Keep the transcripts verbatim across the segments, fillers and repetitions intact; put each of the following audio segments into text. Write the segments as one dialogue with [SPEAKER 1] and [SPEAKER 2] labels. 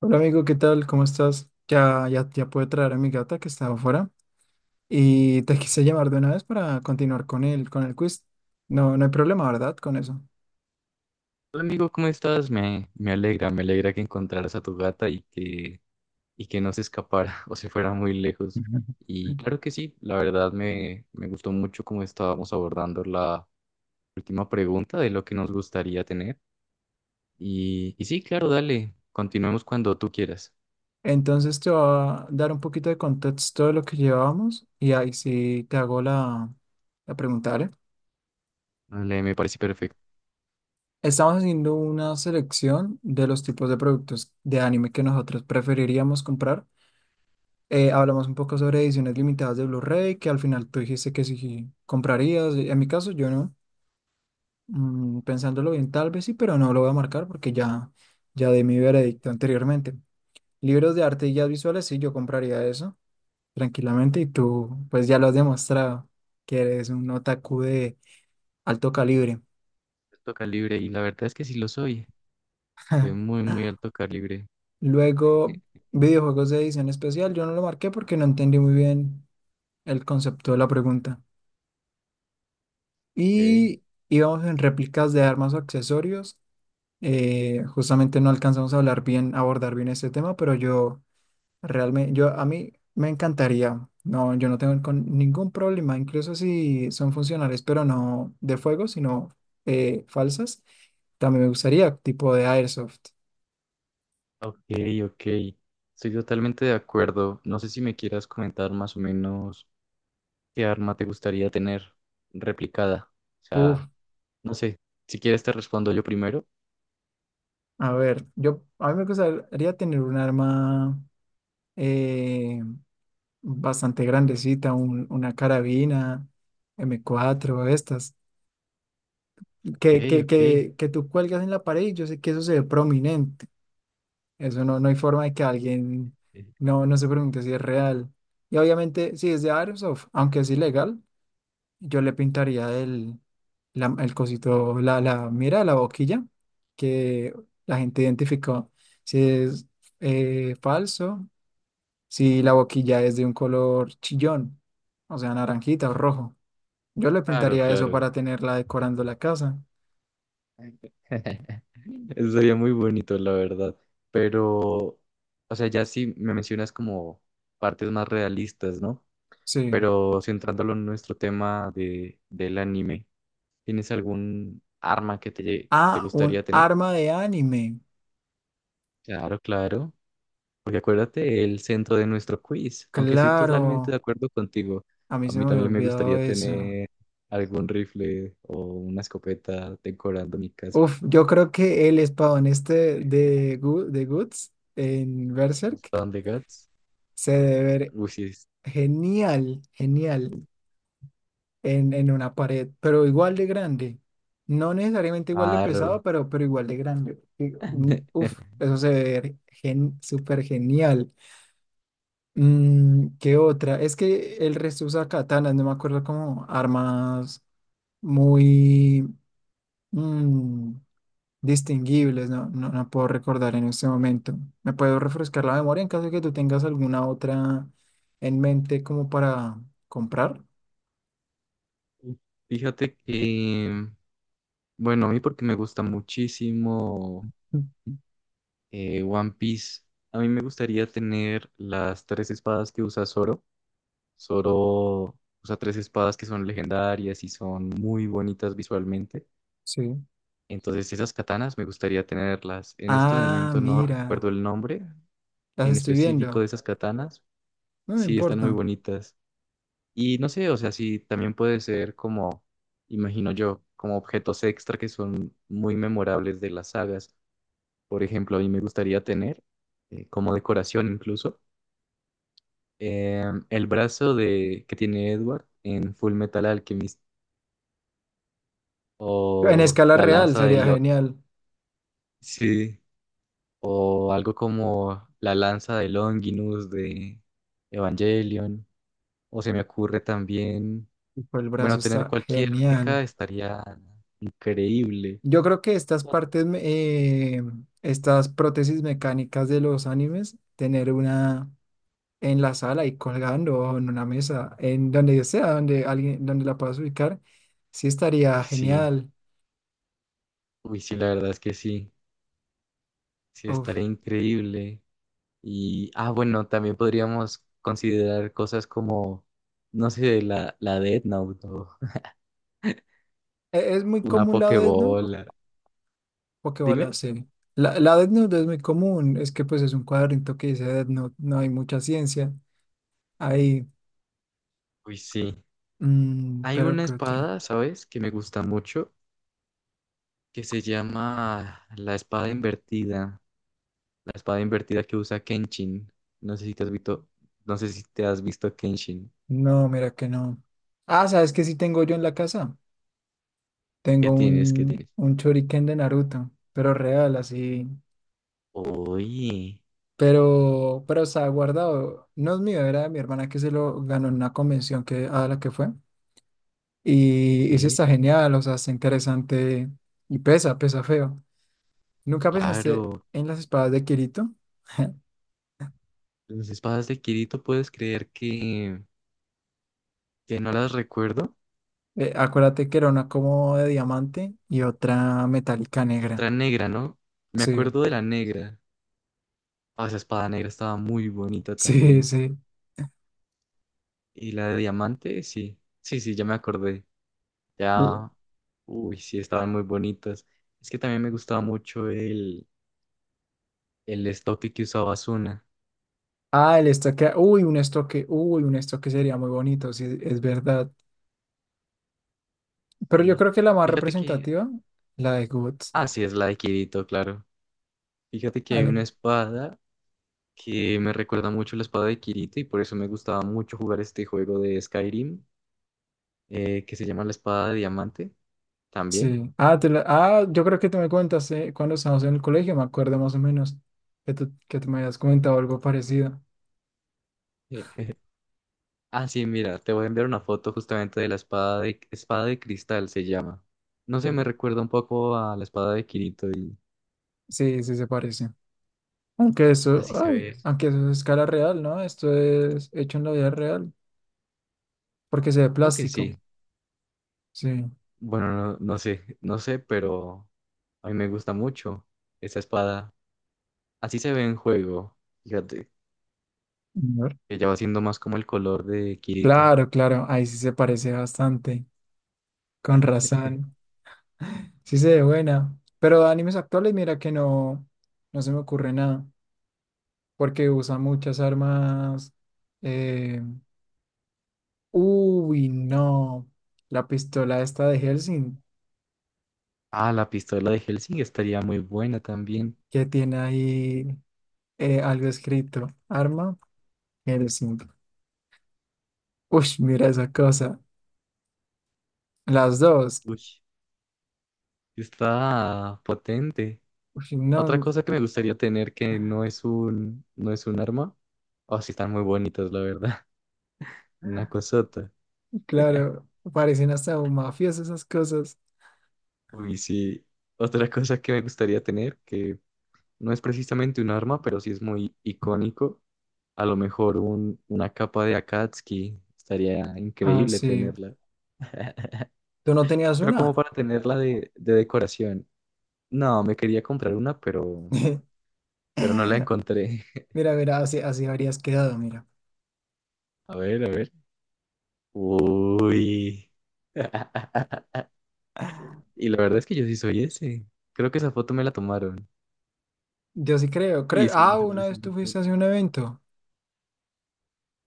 [SPEAKER 1] Hola amigo, ¿qué tal? ¿Cómo estás? Ya, ya, ya pude traer a mi gata que estaba afuera y te quise llamar de una vez para continuar con el, con el quiz. No, no hay problema, ¿verdad? Con eso.
[SPEAKER 2] Hola amigo, ¿cómo estás? Me, me alegra, me alegra que encontraras a tu gata y que, y que no se escapara o se fuera muy lejos. Y claro que sí, la verdad me, me gustó mucho cómo estábamos abordando la última pregunta de lo que nos gustaría tener. Y, y sí, claro, dale, continuemos cuando tú quieras.
[SPEAKER 1] Entonces te voy a dar un poquito de contexto de lo que llevábamos y ahí sí te hago la, la pregunta, ¿vale?
[SPEAKER 2] Dale, me parece perfecto.
[SPEAKER 1] Estamos haciendo una selección de los tipos de productos de anime que nosotros preferiríamos comprar. Eh, hablamos un poco sobre ediciones limitadas de Blu-ray, que al final tú dijiste que sí comprarías. En mi caso, yo no. Mm, pensándolo bien, tal vez sí, pero no lo voy a marcar porque ya, ya di mi veredicto anteriormente. Libros de arte y guías visuales, sí, yo compraría eso tranquilamente y tú, pues ya lo has demostrado, que eres un otaku de alto calibre.
[SPEAKER 2] Alto calibre, y la verdad es que sí lo soy, de muy, muy alto calibre.
[SPEAKER 1] Luego, videojuegos de edición especial, yo no lo marqué porque no entendí muy bien el concepto de la pregunta.
[SPEAKER 2] Ok,
[SPEAKER 1] Y íbamos en réplicas de armas o accesorios. Eh, justamente no alcanzamos a hablar bien, a abordar bien este tema, pero yo realmente, yo a mí me encantaría. No, yo no tengo con- ningún problema, incluso si son funcionales, pero no de fuego, sino eh, falsas. También me gustaría tipo de airsoft.
[SPEAKER 2] ok, ok. Estoy totalmente de acuerdo. No sé si me quieras comentar más o menos. ¿Qué arma te gustaría tener replicada? O
[SPEAKER 1] Uf,
[SPEAKER 2] sea, no sé, si quieres te respondo yo primero.
[SPEAKER 1] a ver, yo a mí me gustaría tener un arma eh, bastante grandecita, un- una carabina M cuatro, estas, que,
[SPEAKER 2] Ok,
[SPEAKER 1] que,
[SPEAKER 2] ok.
[SPEAKER 1] que, que tú cuelgas en la pared y yo sé que eso se ve prominente. Eso no, no hay forma de que alguien no, no se pregunte si es real. Y obviamente, si es de Airsoft, aunque es ilegal, yo le pintaría el, la- el cosito, la, la mira, la boquilla, que la gente identificó si es eh, falso, si la boquilla es de un color chillón, o sea, naranjita o rojo. Yo le
[SPEAKER 2] Claro,
[SPEAKER 1] pintaría eso
[SPEAKER 2] claro.
[SPEAKER 1] para tenerla decorando la casa.
[SPEAKER 2] Eso sería muy bonito, la verdad. Pero, o sea, ya sí me mencionas como partes más realistas, ¿no?
[SPEAKER 1] Sí.
[SPEAKER 2] Pero centrándolo en nuestro tema de, del anime, ¿tienes algún arma que te, te
[SPEAKER 1] Ah, un
[SPEAKER 2] gustaría tener?
[SPEAKER 1] arma de anime.
[SPEAKER 2] Claro, claro. Porque acuérdate el centro de nuestro quiz, aunque estoy totalmente de
[SPEAKER 1] Claro.
[SPEAKER 2] acuerdo contigo,
[SPEAKER 1] A mí
[SPEAKER 2] a
[SPEAKER 1] se
[SPEAKER 2] mí
[SPEAKER 1] me había
[SPEAKER 2] también me
[SPEAKER 1] olvidado
[SPEAKER 2] gustaría
[SPEAKER 1] eso.
[SPEAKER 2] tener algún rifle o una escopeta decorando mi casa.
[SPEAKER 1] Uf, yo creo que el espadón este de, Gu- de Guts en Berserk
[SPEAKER 2] ¿Spawn de Guts?
[SPEAKER 1] se debe ver
[SPEAKER 2] Uy, sí, es
[SPEAKER 1] genial, genial en, en una pared, pero igual de grande. No necesariamente igual de
[SPEAKER 2] raro.
[SPEAKER 1] pesado, pero, pero igual de grande. Y, mm, uf, eso se debe ver gen, súper genial. Mm, ¿qué otra? Es que el resto usa katanas, no me acuerdo como armas muy... mm, distinguibles, no, no, no puedo recordar en este momento. ¿Me puedo refrescar la memoria en caso de que tú tengas alguna otra en mente como para comprar?
[SPEAKER 2] Fíjate que, bueno, a mí porque me gusta muchísimo eh, One Piece, a mí me gustaría tener las tres espadas que usa Zoro. Zoro usa tres espadas que son legendarias y son muy bonitas visualmente.
[SPEAKER 1] Sí.
[SPEAKER 2] Entonces, esas katanas me gustaría tenerlas. En este
[SPEAKER 1] Ah,
[SPEAKER 2] momento no
[SPEAKER 1] mira,
[SPEAKER 2] recuerdo el nombre
[SPEAKER 1] las
[SPEAKER 2] en
[SPEAKER 1] estoy
[SPEAKER 2] específico de
[SPEAKER 1] viendo.
[SPEAKER 2] esas katanas.
[SPEAKER 1] No me
[SPEAKER 2] Sí, están muy
[SPEAKER 1] importa.
[SPEAKER 2] bonitas. Y no sé, o sea, sí, también puede ser como, imagino yo, como objetos extra que son muy memorables de las sagas. Por ejemplo, a mí me gustaría tener, eh, como decoración incluso, eh, el brazo de, que tiene Edward en Full Metal Alchemist
[SPEAKER 1] En
[SPEAKER 2] o
[SPEAKER 1] escala
[SPEAKER 2] la
[SPEAKER 1] real
[SPEAKER 2] lanza de
[SPEAKER 1] sería
[SPEAKER 2] Lo...
[SPEAKER 1] genial.
[SPEAKER 2] Sí, o algo como la lanza de Longinus de Evangelion, o se me ocurre también,
[SPEAKER 1] Tipo, el brazo
[SPEAKER 2] bueno, tener
[SPEAKER 1] está
[SPEAKER 2] cualquier
[SPEAKER 1] genial.
[SPEAKER 2] mecha estaría increíble.
[SPEAKER 1] Yo creo que estas partes, me- eh, estas prótesis mecánicas de los animes, tener una en la sala y colgando o en una mesa, en donde yo sea, donde alguien, donde la puedas ubicar, sí
[SPEAKER 2] Uy,
[SPEAKER 1] estaría
[SPEAKER 2] sí,
[SPEAKER 1] genial.
[SPEAKER 2] uy, sí, la verdad es que sí, sí,
[SPEAKER 1] Uf.
[SPEAKER 2] estaría increíble. Y, ah, bueno, también podríamos considerar cosas como, no sé, la, la Death Note o
[SPEAKER 1] E- Es muy
[SPEAKER 2] una
[SPEAKER 1] común la Death Note.
[SPEAKER 2] Pokébola.
[SPEAKER 1] Pokébola,
[SPEAKER 2] Dime.
[SPEAKER 1] sí. La, la Death Note es muy común, es que pues es un cuadrito que dice Death Note, no hay mucha ciencia ahí.
[SPEAKER 2] Uy, sí.
[SPEAKER 1] Mm,
[SPEAKER 2] Hay
[SPEAKER 1] pero
[SPEAKER 2] una
[SPEAKER 1] ¿qué otra?
[SPEAKER 2] espada, ¿sabes? Que me gusta mucho que se llama La espada invertida, la espada invertida que usa Kenshin. No sé si te has visto, no sé si te has visto Kenshin.
[SPEAKER 1] No, mira que no. Ah, ¿sabes qué sí tengo yo en la casa? Tengo
[SPEAKER 2] ¿Qué tienes? ¿Qué
[SPEAKER 1] un,
[SPEAKER 2] tienes?
[SPEAKER 1] un shuriken de Naruto, pero real, así.
[SPEAKER 2] Oye,
[SPEAKER 1] Pero, pero estaba guardado. No es mío, era de mi hermana que se lo ganó en una convención que, a la que fue.
[SPEAKER 2] ok,
[SPEAKER 1] Y, y sí está genial, o sea, está interesante y pesa, pesa feo. ¿Nunca pensaste
[SPEAKER 2] claro.
[SPEAKER 1] en las espadas de Kirito?
[SPEAKER 2] Las espadas de Kirito puedes creer que, que no las recuerdo.
[SPEAKER 1] Eh, acuérdate que era una como de diamante y otra metálica
[SPEAKER 2] Y
[SPEAKER 1] negra.
[SPEAKER 2] otra negra, ¿no? Me
[SPEAKER 1] Sí,
[SPEAKER 2] acuerdo de la negra. Ah, esa espada negra estaba muy bonita
[SPEAKER 1] sí,
[SPEAKER 2] también.
[SPEAKER 1] sí.
[SPEAKER 2] Y la de diamante, sí. Sí, sí, ya me acordé.
[SPEAKER 1] L-
[SPEAKER 2] Ya uy, sí, estaban muy bonitas. Es que también me gustaba mucho el, el estoque que usaba Asuna.
[SPEAKER 1] Ah, el estoque. Uy, un estoque. Uy, un estoque sería muy bonito, sí, es verdad. Pero yo
[SPEAKER 2] Sí.
[SPEAKER 1] creo que la más
[SPEAKER 2] Fíjate que.
[SPEAKER 1] representativa, la de Guts.
[SPEAKER 2] Ah, sí, es la de Kirito, claro. Fíjate que hay una espada que me recuerda mucho la espada de Kirito y por eso me gustaba mucho jugar este juego de Skyrim, eh, que se llama la espada de diamante también.
[SPEAKER 1] Sí. Ah, te la- ah, yo creo que tú me contaste cuando estábamos en el colegio, me acuerdo más o menos que tú, que tú me habías comentado algo parecido.
[SPEAKER 2] Ah, sí, mira, te voy a enviar una foto justamente de la espada de, espada de cristal, se llama. No sé, me
[SPEAKER 1] Ujú.
[SPEAKER 2] recuerda un poco a la espada de Kirito y
[SPEAKER 1] Sí, sí se parece. Aunque eso,
[SPEAKER 2] así se
[SPEAKER 1] ay,
[SPEAKER 2] ve.
[SPEAKER 1] aunque eso es a escala real, ¿no? Esto es hecho en la vida real, porque se ve
[SPEAKER 2] Creo que
[SPEAKER 1] plástico.
[SPEAKER 2] sí.
[SPEAKER 1] Sí. A
[SPEAKER 2] Bueno, no, no sé, no sé, pero a mí me gusta mucho esa espada. Así se ve en juego, fíjate,
[SPEAKER 1] ver.
[SPEAKER 2] que ya va siendo más como el color de Kirito.
[SPEAKER 1] Claro, claro, ahí sí se parece bastante, con razón. Sí se ve buena. Pero de animes actuales, mira que no, no se me ocurre nada, porque usa muchas armas. eh, Uy, no. La pistola esta de Helsing,
[SPEAKER 2] Ah, la pistola de Helsing estaría muy buena también.
[SPEAKER 1] que tiene ahí eh, algo escrito. Arma Helsing. Uy, mira esa cosa. Las dos.
[SPEAKER 2] Uy, está potente.
[SPEAKER 1] Uy,
[SPEAKER 2] Otra
[SPEAKER 1] no,
[SPEAKER 2] cosa que me gustaría tener que no es un, no es un arma. Oh, sí, están muy bonitas, la verdad. Una cosota.
[SPEAKER 1] claro. Parecen hasta un mafioso esas cosas.
[SPEAKER 2] Uy, sí. Otra cosa que me gustaría tener, que no es precisamente un arma, pero sí es muy icónico. A lo mejor un, una capa de Akatsuki estaría
[SPEAKER 1] Ah,
[SPEAKER 2] increíble
[SPEAKER 1] sí.
[SPEAKER 2] tenerla.
[SPEAKER 1] ¿Tú no tenías
[SPEAKER 2] Pero como
[SPEAKER 1] una?
[SPEAKER 2] para tenerla de, de decoración. No, me quería comprar una, pero, pero no la encontré.
[SPEAKER 1] Mira, mira, así, así habrías quedado, mira.
[SPEAKER 2] A ver, a ver. Uy. Y la verdad es que yo sí soy ese. Creo que esa foto me la tomaron.
[SPEAKER 1] Yo sí creo,
[SPEAKER 2] Oye,
[SPEAKER 1] creo.
[SPEAKER 2] sí,
[SPEAKER 1] Ah,
[SPEAKER 2] se
[SPEAKER 1] una
[SPEAKER 2] parece
[SPEAKER 1] vez tú
[SPEAKER 2] mucho.
[SPEAKER 1] fuiste a hacer un evento.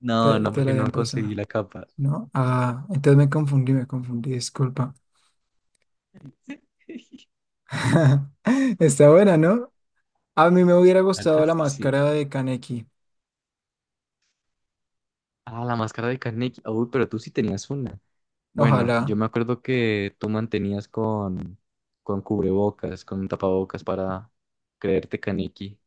[SPEAKER 2] No,
[SPEAKER 1] Te,
[SPEAKER 2] no,
[SPEAKER 1] te la
[SPEAKER 2] porque
[SPEAKER 1] habían
[SPEAKER 2] no conseguí
[SPEAKER 1] prestado,
[SPEAKER 2] la capa.
[SPEAKER 1] ¿no? Ah, entonces me confundí, me confundí, disculpa. Está buena, ¿no? A mí me hubiera
[SPEAKER 2] La verdad
[SPEAKER 1] gustado la
[SPEAKER 2] es que sí.
[SPEAKER 1] máscara de Kaneki.
[SPEAKER 2] Ah, la máscara de Carnegie. Uy, pero tú sí tenías una. Bueno, yo
[SPEAKER 1] Ojalá.
[SPEAKER 2] me acuerdo que tú mantenías con, con cubrebocas, con un tapabocas para creerte Kaneki.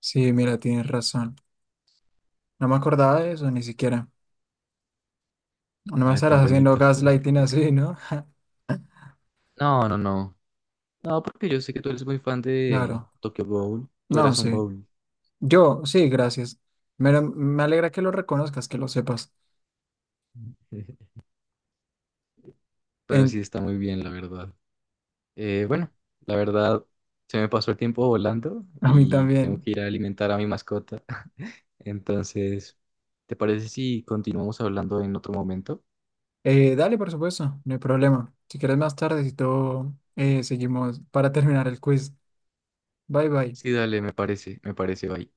[SPEAKER 1] Sí, mira, tienes razón. No me acordaba de eso ni siquiera. No me
[SPEAKER 2] Ay, tan
[SPEAKER 1] estarás haciendo
[SPEAKER 2] bonito.
[SPEAKER 1] gaslighting así, ¿no?
[SPEAKER 2] No, no, no. No, porque yo sé que tú eres muy fan de
[SPEAKER 1] Claro.
[SPEAKER 2] Tokyo Ghoul. Tú
[SPEAKER 1] No,
[SPEAKER 2] eras un
[SPEAKER 1] sí.
[SPEAKER 2] Ghoul.
[SPEAKER 1] Yo, sí, gracias. Me, me alegra que lo reconozcas, que lo sepas.
[SPEAKER 2] Pero
[SPEAKER 1] En,
[SPEAKER 2] sí está muy bien, la verdad. Eh, bueno, la verdad, se me pasó el tiempo volando
[SPEAKER 1] a mí
[SPEAKER 2] y tengo
[SPEAKER 1] también.
[SPEAKER 2] que ir a alimentar a mi mascota. Entonces, ¿te parece si continuamos hablando en otro momento?
[SPEAKER 1] Eh, dale, por supuesto, no hay problema. Si quieres más tarde, si todo, eh, seguimos para terminar el quiz. Bye, bye.
[SPEAKER 2] Sí, dale, me parece, me parece, bye.